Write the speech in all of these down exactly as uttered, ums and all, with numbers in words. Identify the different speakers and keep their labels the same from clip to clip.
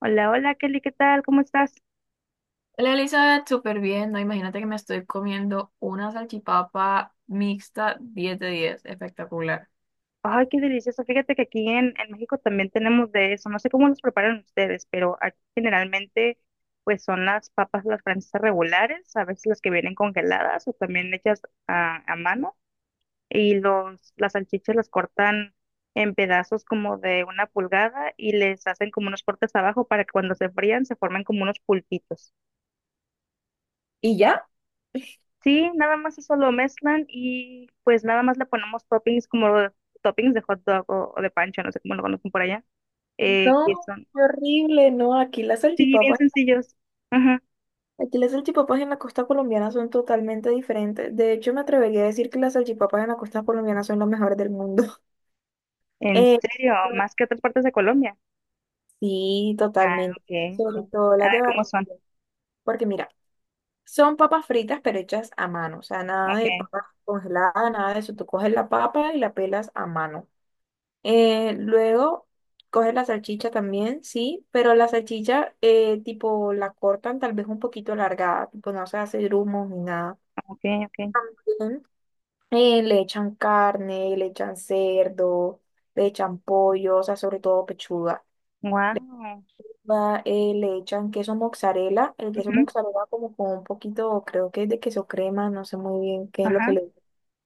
Speaker 1: Hola, hola Kelly, ¿qué tal? ¿Cómo estás?
Speaker 2: Hola Elizabeth, súper bien, ¿no? Imagínate que me estoy comiendo una salchipapa mixta diez de diez, espectacular.
Speaker 1: Ay, qué delicioso. Fíjate que aquí en, en México también tenemos de eso. No sé cómo los preparan ustedes, pero aquí generalmente pues son las papas las francesas regulares, a veces las que vienen congeladas o también hechas a, a mano. Y los, las salchichas las cortan en pedazos como de una pulgada y les hacen como unos cortes abajo para que cuando se frían se formen como unos pulpitos.
Speaker 2: ¿Y ya?
Speaker 1: Sí, nada más eso lo mezclan y pues nada más le ponemos toppings como toppings de hot dog o, o de pancho, no sé cómo lo conocen por allá, eh, que
Speaker 2: No,
Speaker 1: son,
Speaker 2: qué horrible, no, aquí las
Speaker 1: sí, bien
Speaker 2: salchipapas,
Speaker 1: sencillos. Ajá.
Speaker 2: aquí las salchipapas en la costa colombiana son totalmente diferentes. De hecho, me atrevería a decir que las salchipapas en la costa colombiana son las mejores del mundo.
Speaker 1: ¿En
Speaker 2: Eh,
Speaker 1: serio? Más que otras partes de Colombia.
Speaker 2: sí,
Speaker 1: Ah,
Speaker 2: totalmente.
Speaker 1: ok,
Speaker 2: Sobre
Speaker 1: ok.
Speaker 2: todo
Speaker 1: A
Speaker 2: las
Speaker 1: ver
Speaker 2: de
Speaker 1: cómo son.
Speaker 2: Barranquilla. Porque mira, son papas fritas pero hechas a mano. O sea, nada de
Speaker 1: Ok,
Speaker 2: papas congeladas, nada de eso. Tú coges la papa y la pelas a mano. Eh, luego coges la salchicha también, sí, pero la salchicha eh, tipo la cortan tal vez un poquito alargada, tipo no se hace grumos ni nada.
Speaker 1: ok, ok.
Speaker 2: Ujú. Eh, le echan carne, le echan cerdo, le echan pollo, o sea, sobre todo pechuga.
Speaker 1: Wow.
Speaker 2: Va, eh, le echan queso mozzarella, el queso mozzarella como con un poquito, creo que es de queso crema, no sé muy bien qué es lo que
Speaker 1: Ajá.
Speaker 2: le.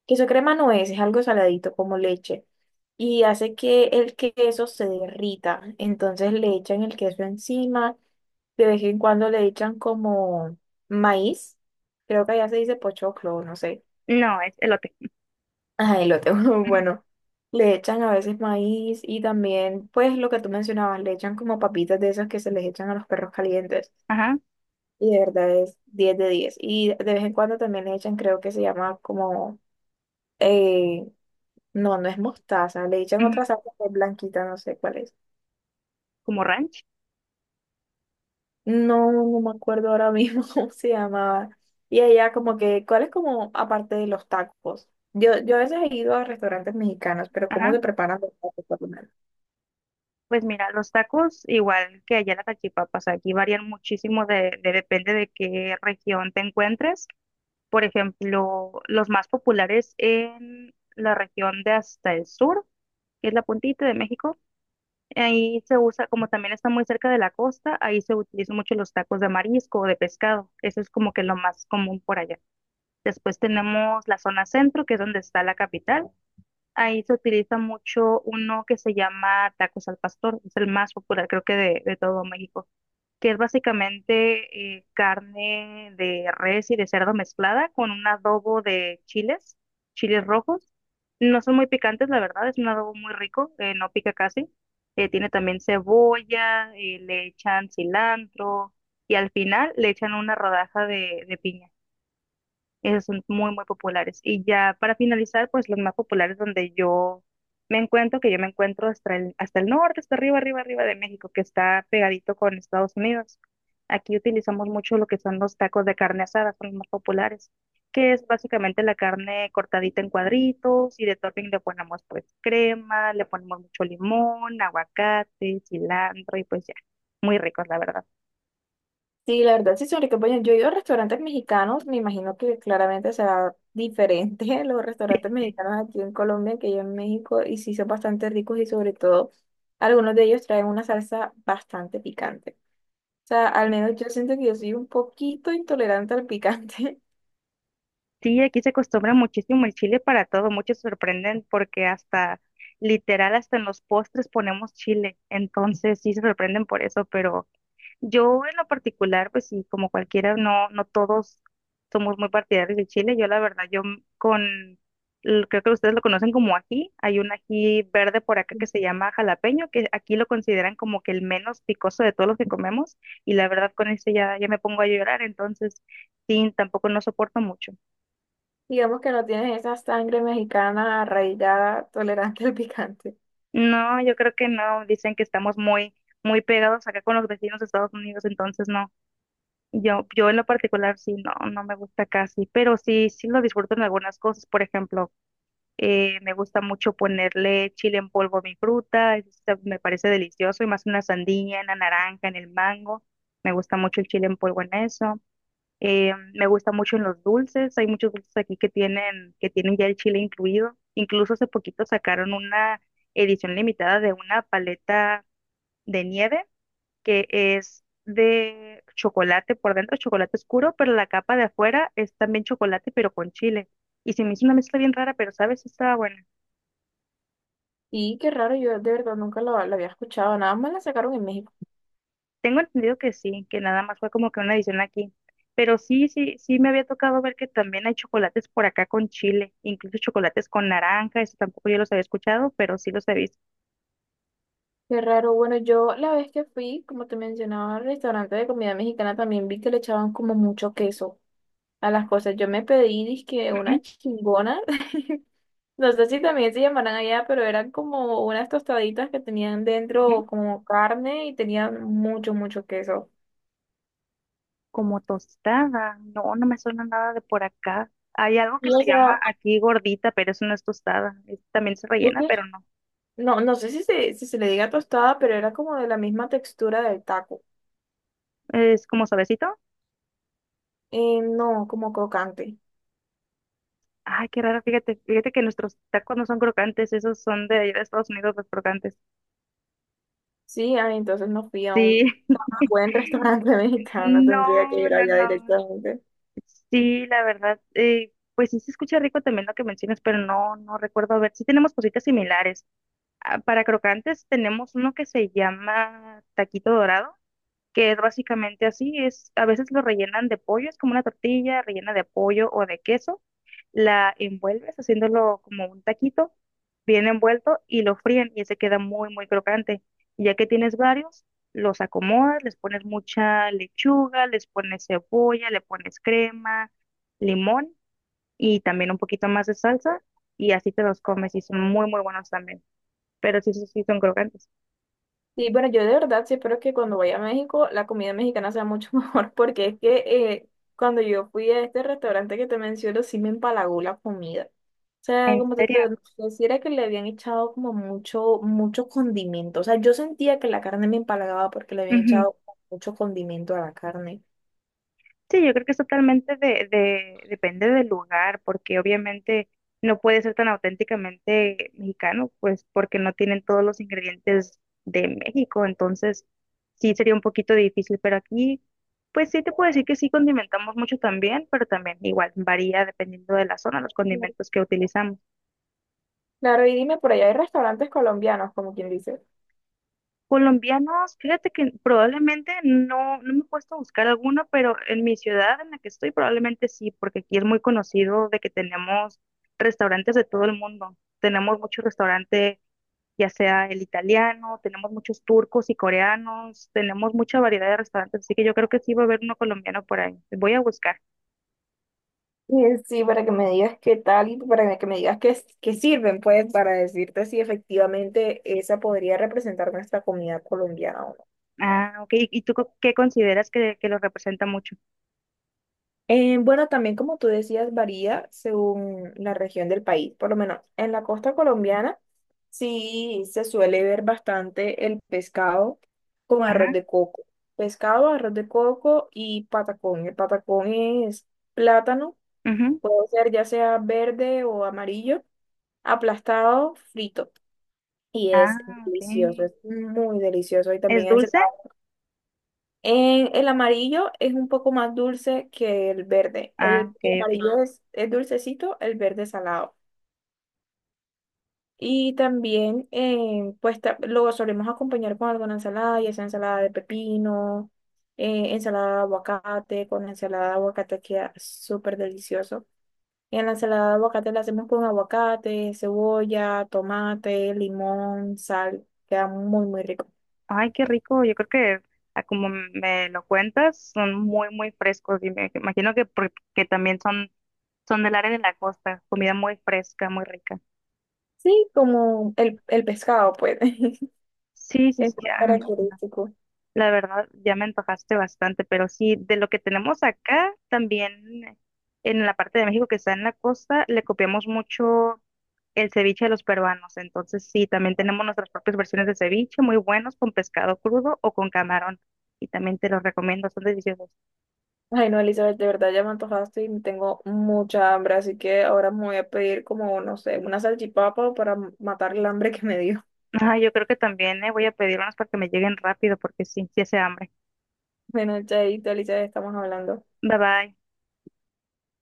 Speaker 2: Queso crema no es, es algo saladito como leche y hace que el queso se derrita. Entonces le echan el queso encima, de vez en cuando le echan como maíz, creo que allá se dice pochoclo, no sé.
Speaker 1: No, es elote.
Speaker 2: Ajá, elote,
Speaker 1: Ujú.
Speaker 2: bueno, le echan a veces maíz y también, pues lo que tú mencionabas, le echan como papitas de esas que se les echan a los perros calientes
Speaker 1: Ajá.
Speaker 2: y de verdad es diez de diez. Y de vez en cuando también le echan, creo que se llama como... eh, No, no es mostaza. Le echan
Speaker 1: Ujú.
Speaker 2: otra salsa que es blanquita, no sé cuál es.
Speaker 1: Como ranch.
Speaker 2: No, no me acuerdo ahora mismo cómo se llamaba. Y allá como que, ¿cuál es como aparte de los tacos? Yo, yo a veces he ido a restaurantes mexicanos, pero ¿cómo
Speaker 1: Ajá.
Speaker 2: se preparan los tacos por lo menos?
Speaker 1: Pues mira, los tacos, igual que allá las salchipapas, aquí varían muchísimo de, de- depende de qué región te encuentres. Por ejemplo, los más populares en la región de hasta el sur, que es la puntita de México, ahí se usa, como también está muy cerca de la costa, ahí se utilizan mucho los tacos de marisco o de pescado. Eso es como que lo más común por allá. Después tenemos la zona centro, que es donde está la capital. Ahí se utiliza mucho uno que se llama tacos al pastor, es el más popular creo que de, de todo México, que es básicamente eh, carne de res y de cerdo mezclada con un adobo de chiles, chiles rojos. No son muy picantes, la verdad, es un adobo muy rico, eh, no pica casi. Eh, tiene también cebolla, eh, le echan cilantro y al final le echan una rodaja de, de piña. Esos son muy, muy populares. Y ya para finalizar, pues los más populares donde yo me encuentro, que yo me encuentro hasta el, hasta el norte, hasta arriba, arriba, arriba de México, que está pegadito con Estados Unidos. Aquí utilizamos mucho lo que son los tacos de carne asada, son los más populares, que es básicamente la carne cortadita en cuadritos y de topping le ponemos pues crema, le ponemos mucho limón, aguacate, cilantro y pues ya, muy ricos la verdad.
Speaker 2: Sí, la verdad sí son ricos. Bueno, yo he ido a restaurantes mexicanos, me imagino que claramente será diferente los restaurantes mexicanos aquí en Colombia que yo en México, y sí son bastante ricos y sobre todo algunos de ellos traen una salsa bastante picante. Sea, al menos yo siento que yo soy un poquito intolerante al picante.
Speaker 1: Sí, aquí se acostumbra muchísimo el chile para todo. Muchos se sorprenden porque hasta, literal, hasta en los postres ponemos chile. Entonces sí se sorprenden por eso, pero yo en lo particular, pues sí, como cualquiera, no, no todos somos muy partidarios del chile. Yo la verdad, yo m- con, l- creo que ustedes lo conocen como ají. Hay un ají verde por acá que se llama jalapeño, que aquí lo consideran como que el menos picoso de todos los que comemos. Y la verdad, con ese ya, ya me pongo a llorar. Entonces, sí, tampoco no soporto mucho.
Speaker 2: Digamos que no tienes esa sangre mexicana arraigada, tolerante al picante.
Speaker 1: No, yo creo que no. Dicen que estamos muy, muy pegados acá con los vecinos de Estados Unidos, entonces no. Yo, yo en lo particular sí, no, no me gusta casi, pero sí, sí lo disfruto en algunas cosas. Por ejemplo, eh, me gusta mucho ponerle chile en polvo a mi fruta, eso está- me parece delicioso, y más en la sandía, en la naranja, en el mango. Me gusta mucho el chile en polvo en eso. Eh, me gusta mucho en los dulces, hay muchos dulces aquí que tienen, que tienen ya el chile incluido. Incluso hace poquito sacaron una edición limitada de una paleta de nieve que es de chocolate por dentro, chocolate oscuro, pero la capa de afuera es también chocolate, pero con chile. Y se me hizo una mezcla bien rara, pero sabes, está buena.
Speaker 2: Y qué raro, yo de verdad nunca lo, lo había escuchado, nada más la sacaron en México.
Speaker 1: Tengo entendido que sí, que nada más fue como que una edición aquí. Pero sí, sí, sí me había tocado ver que también hay chocolates por acá con chile, incluso chocolates con naranja, eso tampoco yo los había escuchado, pero sí los he visto.
Speaker 2: Qué raro, bueno, yo la vez que fui, como te mencionaba, al restaurante de comida mexicana también vi que le echaban como mucho queso a las cosas. Yo me pedí, dizque
Speaker 1: Ujú,
Speaker 2: una chingona. No sé si también se llamarán allá, pero eran como unas tostaditas que tenían
Speaker 1: ujú.
Speaker 2: dentro como carne y tenían mucho, mucho queso.
Speaker 1: Como tostada, no, no me suena nada de por acá. Hay algo que
Speaker 2: Y o
Speaker 1: se llama
Speaker 2: sea,
Speaker 1: aquí gordita, pero eso no es tostada. es- También se
Speaker 2: es
Speaker 1: rellena,
Speaker 2: que
Speaker 1: pero no.
Speaker 2: no, no sé si se, si se le diga tostada, pero era como de la misma textura del taco.
Speaker 1: Es como suavecito.
Speaker 2: Eh, no, como crocante.
Speaker 1: Ay, qué raro, fíjate, fíjate que nuestros tacos no son crocantes, esos son de allá de Estados Unidos los crocantes.
Speaker 2: Sí, ah, entonces no fui a
Speaker 1: Sí.
Speaker 2: un buen restaurante mexicano, tendría que
Speaker 1: No,
Speaker 2: ir
Speaker 1: no,
Speaker 2: allá
Speaker 1: no.
Speaker 2: directamente.
Speaker 1: Sí, la verdad, eh, pues sí se escucha rico también lo que mencionas, pero no, no recuerdo. A ver, sí tenemos cositas similares. Ah, para crocantes tenemos uno que se llama taquito dorado, que es básicamente así, es, a veces lo rellenan de pollo, es como una tortilla rellena de pollo o de queso, la envuelves haciéndolo como un taquito, bien envuelto y lo fríen y ese queda muy, muy crocante. Y ya que tienes varios, los acomodas, les pones mucha lechuga, les pones cebolla, le pones crema, limón y también un poquito más de salsa y así te los comes y son muy, muy buenos también. Pero sí, sí, sí, son crocantes.
Speaker 2: Sí, bueno, yo de verdad sí espero que cuando vaya a México la comida mexicana sea mucho mejor, porque es que eh, cuando yo fui a este restaurante que te menciono, sí me empalagó la comida. O sea,
Speaker 1: ¿En
Speaker 2: como te
Speaker 1: serio?
Speaker 2: digo, no sé si era que le habían echado como mucho, mucho condimento. O sea, yo sentía que la carne me empalagaba porque le habían echado mucho condimento a la carne.
Speaker 1: Sí, yo creo que es totalmente de, de, depende del lugar, porque obviamente no puede ser tan auténticamente mexicano, pues porque no tienen todos los ingredientes de México, entonces sí sería un poquito difícil, pero aquí, pues sí te puedo decir que sí condimentamos mucho también, pero también igual varía dependiendo de la zona, los condimentos que utilizamos.
Speaker 2: Claro, y dime, por allá hay restaurantes colombianos, como quien dice.
Speaker 1: Colombianos, fíjate que probablemente no, no me he puesto a buscar alguno, pero en mi ciudad en la que estoy probablemente sí, porque aquí es muy conocido de que tenemos restaurantes de todo el mundo. Tenemos muchos restaurantes, ya sea el italiano, tenemos muchos turcos y coreanos, tenemos mucha variedad de restaurantes, así que yo creo que sí va a haber uno colombiano por ahí. Voy a buscar.
Speaker 2: Y sí, para que me digas qué tal y para que me digas qué, qué sirven, pues, para decirte si efectivamente esa podría representar nuestra comida colombiana o no.
Speaker 1: Ah, ok. ¿Y y tú co- qué consideras que, que lo representa mucho?
Speaker 2: Eh, bueno, también como tú decías, varía según la región del país. Por lo menos en la costa colombiana sí se suele ver bastante el pescado con arroz
Speaker 1: Ajá.
Speaker 2: de coco. Pescado, arroz de coco y patacón. El patacón es plátano,
Speaker 1: Ujú.
Speaker 2: puede ser ya sea verde o amarillo, aplastado, frito. Y es
Speaker 1: Ah, ok.
Speaker 2: delicioso, es muy delicioso. Y
Speaker 1: ¿Es
Speaker 2: también ensalada.
Speaker 1: dulce?
Speaker 2: En el amarillo es un poco más dulce que el verde.
Speaker 1: Ah,
Speaker 2: El
Speaker 1: ok, ok.
Speaker 2: amarillo es, es dulcecito, el verde es salado. Y también, eh, pues ta- lo solemos acompañar con alguna ensalada, ya sea ensalada de pepino, eh, ensalada de aguacate, con ensalada de aguacate queda súper delicioso. En la ensalada de aguacate la hacemos con aguacate, cebolla, tomate, limón, sal. Queda muy, muy rico.
Speaker 1: Ay, qué rico. Yo creo que a como me lo cuentas, son muy, muy frescos. Y me imagino que porque también son, son del área de la costa. Comida muy fresca, muy rica.
Speaker 2: Sí, como el, el pescado, pues, es
Speaker 1: Sí, sí, sí,
Speaker 2: más
Speaker 1: ya me imagino.
Speaker 2: característico.
Speaker 1: La verdad, ya me antojaste bastante, pero sí, de lo que tenemos acá, también en la parte de México que está en la costa, le copiamos mucho el ceviche de los peruanos. Entonces, sí, también tenemos nuestras propias versiones de ceviche, muy buenos, con pescado crudo o con camarón. Y también te los recomiendo, son deliciosos.
Speaker 2: Ay, no, Elizabeth, de verdad ya me antojaste y tengo mucha hambre, así que ahora me voy a pedir como, no sé, una salchipapa para matar el hambre que me dio.
Speaker 1: Ajá, yo creo que también eh, voy a pedir unas para que me lleguen rápido porque sí, sí hace hambre.
Speaker 2: Bueno, chaito, Elizabeth, estamos hablando.
Speaker 1: Bye bye.